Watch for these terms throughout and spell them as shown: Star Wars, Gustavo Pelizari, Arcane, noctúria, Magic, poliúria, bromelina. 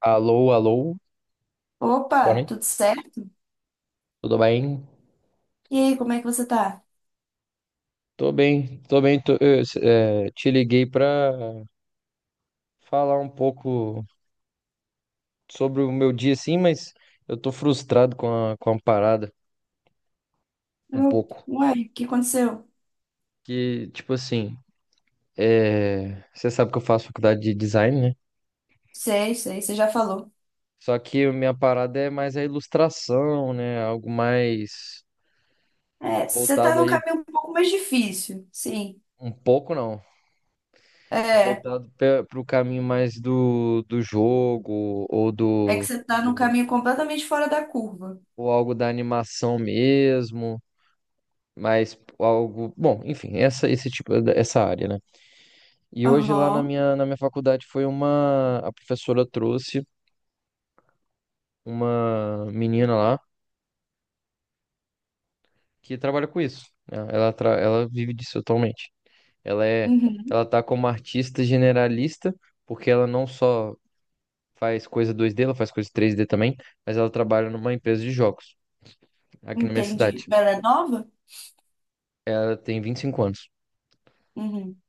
Alô, alô, boa Opa, noite, tudo certo? tudo bem? E aí, como é que você tá? Tô bem, te liguei pra falar um pouco sobre o meu dia, assim. Mas eu tô frustrado com a parada, um Eu, pouco. uai, o que aconteceu? Que, tipo assim, você sabe que eu faço faculdade de design, né? Sei, sei, você já falou. Só que a minha parada é mais a ilustração, né? Algo mais É, você tá voltado num aí, caminho um pouco mais difícil, sim. um pouco não, É, voltado para o caminho mais do jogo ou é que do você tá num do caminho completamente fora da curva. ou algo da animação mesmo, mas algo, bom, enfim, essa esse tipo essa área, né? E hoje lá na Aham, minha na minha faculdade foi uma a professora trouxe uma menina lá que trabalha com isso, né? Ela vive disso atualmente. Ela é uhum, Ela tá como artista generalista, porque ela não só faz coisa 2D, ela faz coisa 3D também, mas ela trabalha numa empresa de jogos aqui na minha entendi. cidade. Mas ela é nova? Ela tem 25 anos. Uhum,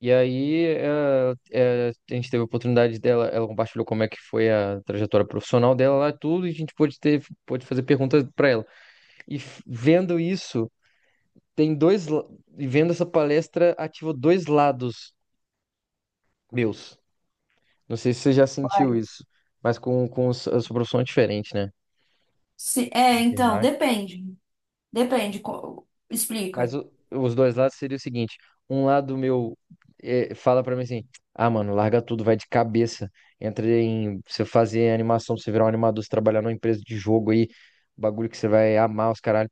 E aí, a gente teve a oportunidade dela, ela compartilhou como é que foi a trajetória profissional dela lá, tudo, e a gente pôde fazer perguntas para ela. Vendo isso, tem dois, la- e vendo essa palestra, ativou dois lados meus. Não sei se você já sentiu uai. isso, mas com a sua profissão é diferente, né? Se, é, então, Enfermagem. depende. Depende, explica. Os dois lados seria o seguinte: um lado meu fala pra mim assim, ah, mano, larga tudo, vai de cabeça, entra em você fazer animação, você virar um animador, você trabalhar numa empresa de jogo aí, bagulho que você vai amar os caralho.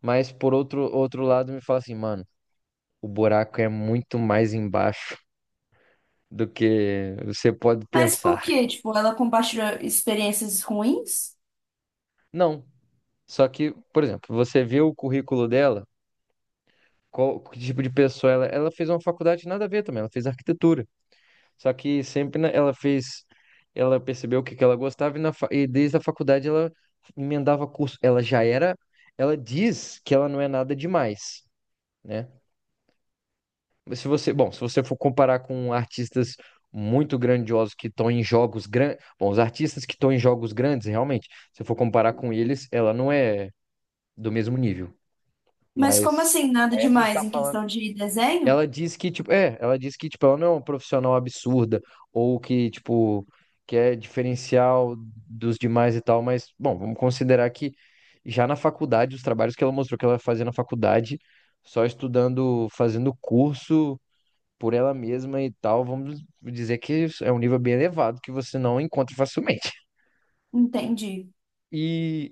Mas por outro lado me fala assim, mano, o buraco é muito mais embaixo do que você pode Mas por pensar. quê? Tipo, ela compartilha experiências ruins? Não, só que, por exemplo, você vê o currículo dela, qual que tipo de pessoa ela, ela fez uma faculdade nada a ver também, ela fez arquitetura. Só que sempre na- ela fez, ela percebeu o que que ela gostava e e desde a faculdade ela emendava curso. Ela diz que ela não é nada demais, né? Mas se você, bom, se você for comparar com artistas muito grandiosos que estão em jogos grandes, bom, os artistas que estão em jogos grandes, realmente, se for comparar com eles, ela não é do mesmo nível. Mas como Mas assim, nada aí a gente demais está em falando. questão de desenho? Ela diz que, tipo, ela não é uma profissional absurda, ou que, tipo, que é diferencial dos demais e tal, mas, bom, vamos considerar que já na faculdade, os trabalhos que ela mostrou que ela fazia na faculdade, só estudando, fazendo curso por ela mesma e tal, vamos dizer que é um nível bem elevado que você não encontra facilmente. Entendi. E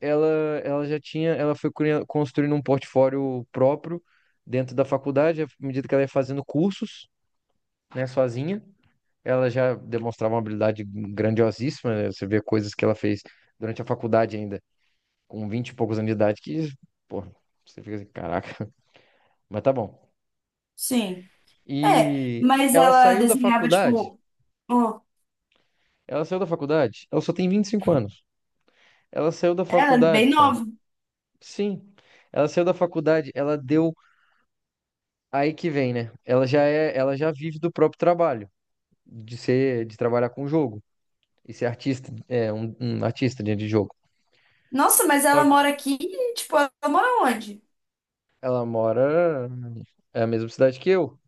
ela, ela já tinha, ela foi cria- construindo um portfólio próprio dentro da faculdade, à medida que ela ia fazendo cursos. Né, sozinha. Ela já demonstrava uma habilidade grandiosíssima, né? Você vê coisas que ela fez durante a faculdade ainda, com 20 e poucos anos de idade, que, pô, você fica assim, caraca. Mas tá bom. Sim. É, E mas ela ela saiu da desenhava, faculdade. tipo, ó, Ela saiu da faculdade. Ela só tem 25 anos. Ela saiu da ela é faculdade, bem cara. nova. Sim. Ela saiu da faculdade, ela deu. Aí que vem, né? Ela já vive do próprio trabalho, de ser, de trabalhar com jogo e ser artista, é um, um artista de jogo. Nossa, mas Só. ela mora aqui, tipo, ela mora onde? Ela mora. É a mesma cidade que eu.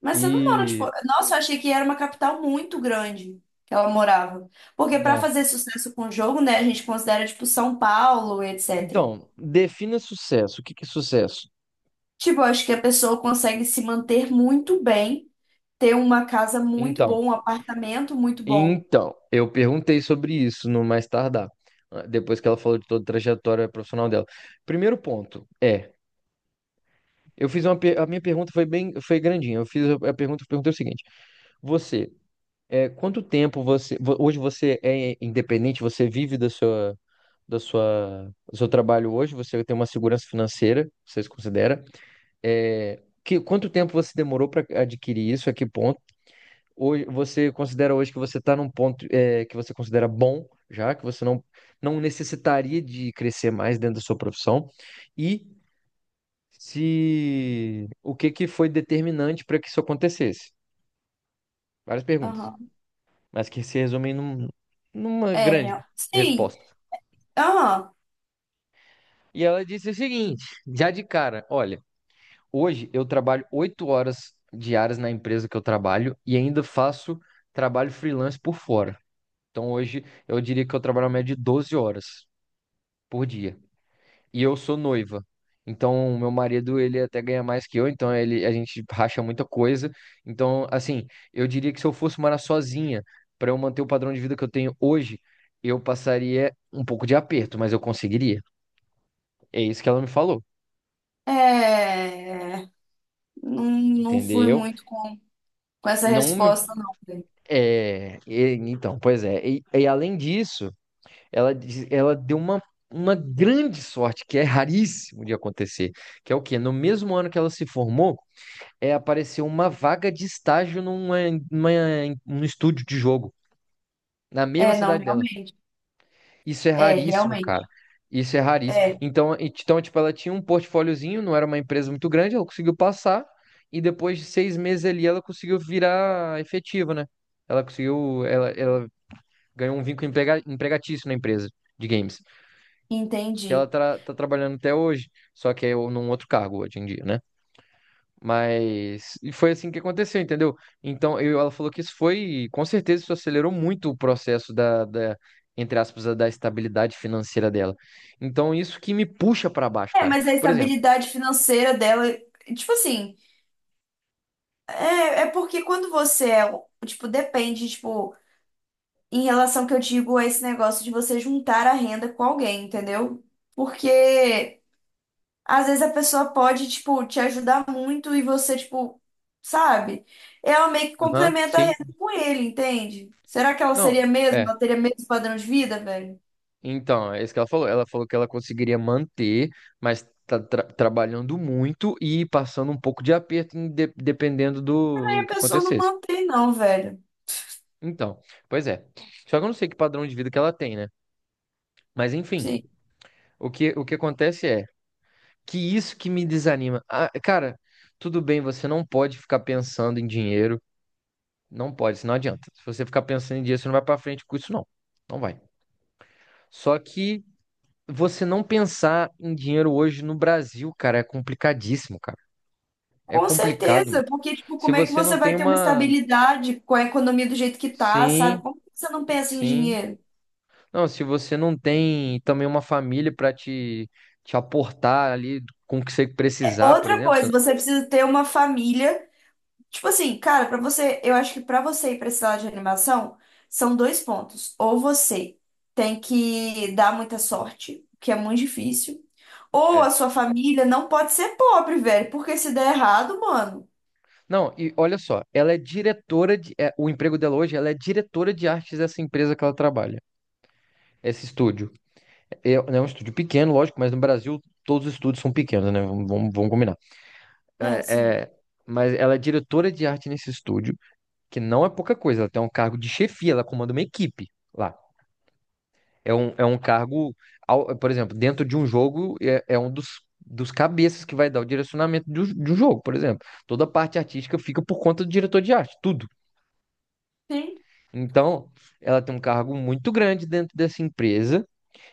Mas você não mora, tipo, E. nossa, eu achei que era uma capital muito grande que ela morava. Porque pra Não. fazer sucesso com o jogo, né, a gente considera, tipo, São Paulo, etc. Então, defina sucesso. O que que é sucesso? Tipo, eu acho que a pessoa consegue se manter muito bem, ter uma casa muito boa, Então, um apartamento muito bom. então, eu perguntei sobre isso no mais tardar, ah, depois que ela falou de toda a trajetória profissional dela. Primeiro ponto é, eu fiz uma, per- a minha pergunta foi bem, foi grandinha. Eu fiz a pergunta, eu perguntei o seguinte: você, quanto tempo você, hoje você é independente? Você vive da sua, do seu trabalho hoje? Você tem uma segurança financeira? Vocês consideram? Quanto tempo você demorou para adquirir isso? A que ponto? Hoje, você considera hoje que você está num ponto que você considera bom, já que você não, não necessitaria de crescer mais dentro da sua profissão? E se o que que foi determinante para que isso acontecesse? Várias perguntas, Aham. mas que se resumem num- numa É, grande sim. resposta. Aham. E ela disse o seguinte, já de cara, olha. Hoje eu trabalho 8 horas diárias na empresa que eu trabalho e ainda faço trabalho freelance por fora. Então hoje eu diria que eu trabalho uma média de 12 horas por dia. E eu sou noiva. Então meu marido, ele até ganha mais que eu, então ele a gente racha muita coisa. Então, assim, eu diria que se eu fosse morar sozinha, para eu manter o padrão de vida que eu tenho hoje, eu passaria um pouco de aperto, mas eu conseguiria. É isso que ela me falou, É. é, é. Não, não fui entendeu? muito com essa Não me. resposta, não. Então, pois é. E além disso, ela deu uma grande sorte, que é raríssimo de acontecer, que é o quê? No mesmo ano que ela se formou, apareceu uma vaga de estágio numa, num estúdio de jogo, na mesma É, não, cidade dela. realmente. Isso é É, raríssimo, cara. realmente. Isso é raríssimo. É, Então, então, tipo, ela tinha um portfóliozinho, não era uma empresa muito grande, ela conseguiu passar, e depois de 6 meses ali, ela conseguiu virar efetiva, né? Ela ganhou um vínculo empregatício na empresa de games, que ela entendi. Tá trabalhando até hoje, só que é num outro cargo hoje em dia, né? Mas e foi assim que aconteceu, entendeu? Então, ela falou que isso foi, com certeza, isso acelerou muito o processo entre aspas, da estabilidade financeira dela. Então, isso que me puxa para baixo, É, cara. mas a Por exemplo, estabilidade financeira dela, tipo assim, é, é porque quando você é, tipo, depende, tipo, em relação que eu digo a esse negócio de você juntar a renda com alguém, entendeu? Porque às vezes a pessoa pode, tipo, te ajudar muito e você, tipo, sabe? Ela meio que aham, complementa a sim. renda com ele, entende? Será que ela Não, seria mesmo? é. Ela teria mesmo padrão de vida, velho? Então, é isso que ela falou. Ela falou que ela conseguiria manter, mas tá trabalhando muito e passando um pouco de aperto, em dependendo Aí do, do a que pessoa não acontecesse. mantém, não, velho. Então, pois é. Só que eu não sei que padrão de vida que ela tem, né? Mas enfim, Sim. O que acontece é que isso que me desanima. Ah, cara, tudo bem, você não pode ficar pensando em dinheiro. Não pode, isso não adianta. Se você ficar pensando em dinheiro, você não vai pra frente com isso, não. Não vai. Só que. Você não pensar em dinheiro hoje no Brasil, cara, é complicadíssimo, cara. É Com complicado, certeza, mano. porque, tipo, Se como é que você não você vai tem ter uma uma. estabilidade com a economia do jeito que tá, sabe? Sim, Como que você não pensa em sim. dinheiro? Não, se você não tem também uma família pra te aportar ali com o que você É, precisar, por outra exemplo. coisa, Você-. você precisa ter uma família. Tipo assim, cara, pra você, eu acho que pra você ir pra esse lado de animação, são dois pontos. Ou você tem que dar muita sorte, que é muito difícil, ou a É. sua família não pode ser pobre, velho, porque se der errado, mano. Não, e olha só, ela é diretora de. É, o emprego dela hoje, ela é diretora de artes dessa empresa que ela trabalha. Esse estúdio. É, é um estúdio pequeno, lógico, mas no Brasil todos os estúdios são pequenos, né? Vamos, vamos combinar. É, É, sim. é, mas ela é diretora de arte nesse estúdio, que não é pouca coisa. Ela tem um cargo de chefia, ela comanda uma equipe lá. É um cargo, por exemplo, dentro de um jogo, é um dos cabeças que vai dar o direcionamento do jogo, por exemplo. Toda a parte artística fica por conta do diretor de arte, tudo. Sim. Então, ela tem um cargo muito grande dentro dessa empresa,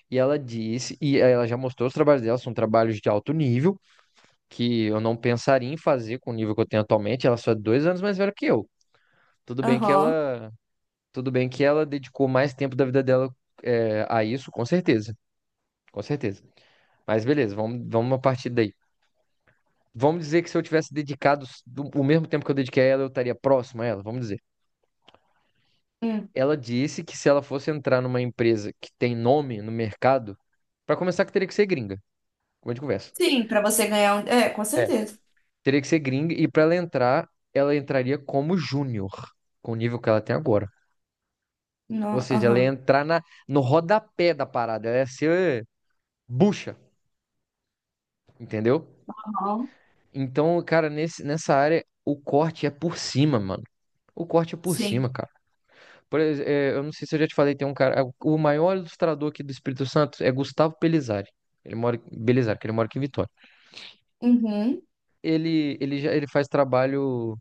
e ela já mostrou os trabalhos dela, são trabalhos de alto nível, que eu não pensaria em fazer com o nível que eu tenho atualmente. Ela só é 2 anos mais velha que eu. Tudo bem que Aham. ela, tudo bem que ela dedicou mais tempo da vida dela a isso, com certeza, com certeza. Mas beleza, vamos, vamos a partir daí. Vamos dizer que se eu tivesse dedicado o mesmo tempo que eu dediquei a ela, eu estaria próximo a ela, vamos dizer. Hum. Ela disse que se ela fosse entrar numa empresa que tem nome no mercado, para começar que teria que ser gringa, como a gente conversa. Sim, pra você ganhar um. É, com É, certeza. teria que ser gringa e para ela entrar, ela entraria como júnior, com o nível que ela tem agora. Ou Não, seja, ela ia aham. entrar na, no rodapé da parada, ela ia ser bucha. Entendeu? Aham. Então, cara, nessa área, o corte é por cima, mano. O corte é por Sim. cima, cara. Eu não sei se eu já te falei, tem um cara. O maior ilustrador aqui do Espírito Santo é Gustavo Pelizari. Ele mora em Belizari, que ele mora aqui em Vitória. Uhum. Ele faz trabalho.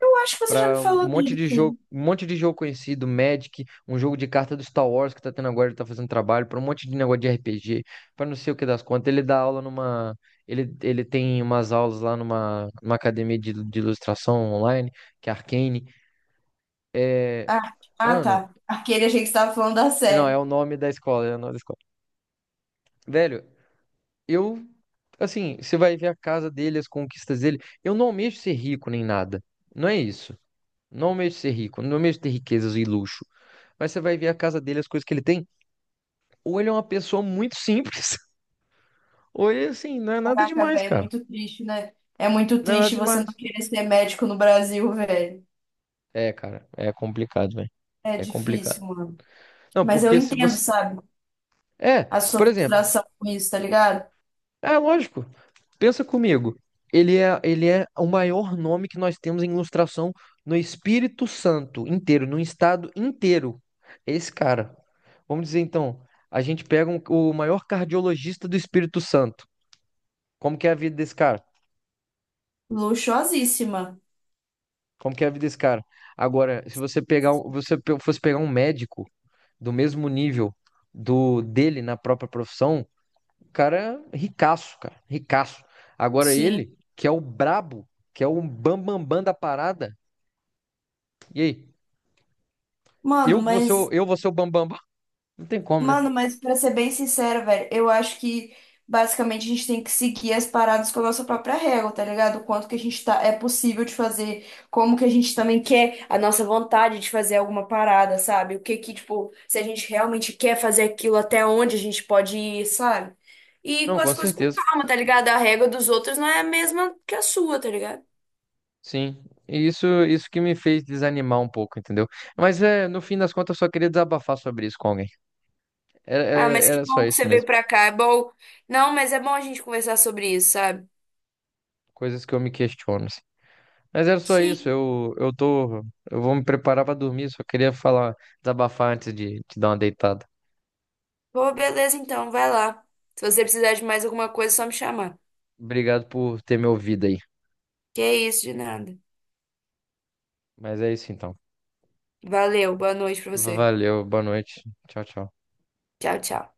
Eu acho que você já me Para um falou monte dele, de jogo, sim. um monte de jogo conhecido, Magic, um jogo de carta do Star Wars que tá tendo agora, ele tá fazendo trabalho, para um monte de negócio de RPG, para não sei o que das contas. Ele dá aula numa. Ele tem umas aulas lá numa academia de ilustração online, que é Arcane. É, Ah, ah, mano, tá. Aquele a gente estava falando da não, é série. o nome da escola, é o nome da escola. Velho, eu. Assim, você vai ver a casa dele, as conquistas dele. Eu não almejo ser rico nem nada. Não é isso. Não almejo ser rico, não almejo ter riquezas e luxo. Mas você vai ver a casa dele, as coisas que ele tem. Ou ele é uma pessoa muito simples, ou ele, assim, não é nada Caraca, demais, velho, é cara. muito triste, né? É muito Não é nada triste você não demais. querer ser médico no Brasil, velho. É, cara, é complicado, velho. É É complicado. difícil, mano. Não, Mas eu porque se entendo, você. sabe? É, A sua por exemplo, frustração com isso, tá ligado? é lógico. Pensa comigo. Ele é o maior nome que nós temos em ilustração no Espírito Santo inteiro, no estado inteiro. É esse cara. Vamos dizer então, a gente pega um- o maior cardiologista do Espírito Santo. Como que é a vida desse cara? Luxuosíssima. Como que é a vida desse cara? Agora, se você pegar, fosse pegar um médico do mesmo nível do dele na própria profissão, o cara é ricaço, cara, ricaço. Agora Sim. ele, que é o brabo, que é o bambambam bam, bam da parada, e aí? Mano, mas Eu vou ser o bambambam? Bam, bam? Não tem como, né? Mano, mas pra ser bem sincero, velho, eu acho que basicamente a gente tem que seguir as paradas com a nossa própria régua, tá ligado? O quanto que a gente tá, é possível de fazer, como que a gente também quer a nossa vontade de fazer alguma parada, sabe? O que que, tipo, se a gente realmente quer fazer aquilo, até onde a gente pode ir, sabe? E Não, com as com coisas com certeza. calma, tá ligado? A régua dos outros não é a mesma que a sua, tá ligado? Sim. E isso que me fez desanimar um pouco, entendeu? Mas é, no fim das contas, eu só queria desabafar sobre isso com alguém. Ah, mas que Era só bom que você isso veio mesmo. pra cá, é bom. Não, mas é bom a gente conversar sobre isso, sabe? Coisas que eu me questiono, assim. Mas era só isso, Sim. Eu tô, eu vou me preparar pra dormir, só queria falar, desabafar antes de te dar uma deitada. Pô, beleza, então, vai lá. Se você precisar de mais alguma coisa, é só me chamar. Obrigado por ter me ouvido aí. Que é isso, de nada. Mas é isso então. Valeu, boa noite pra você. Valeu, boa noite. Tchau, tchau. Tchau, tchau.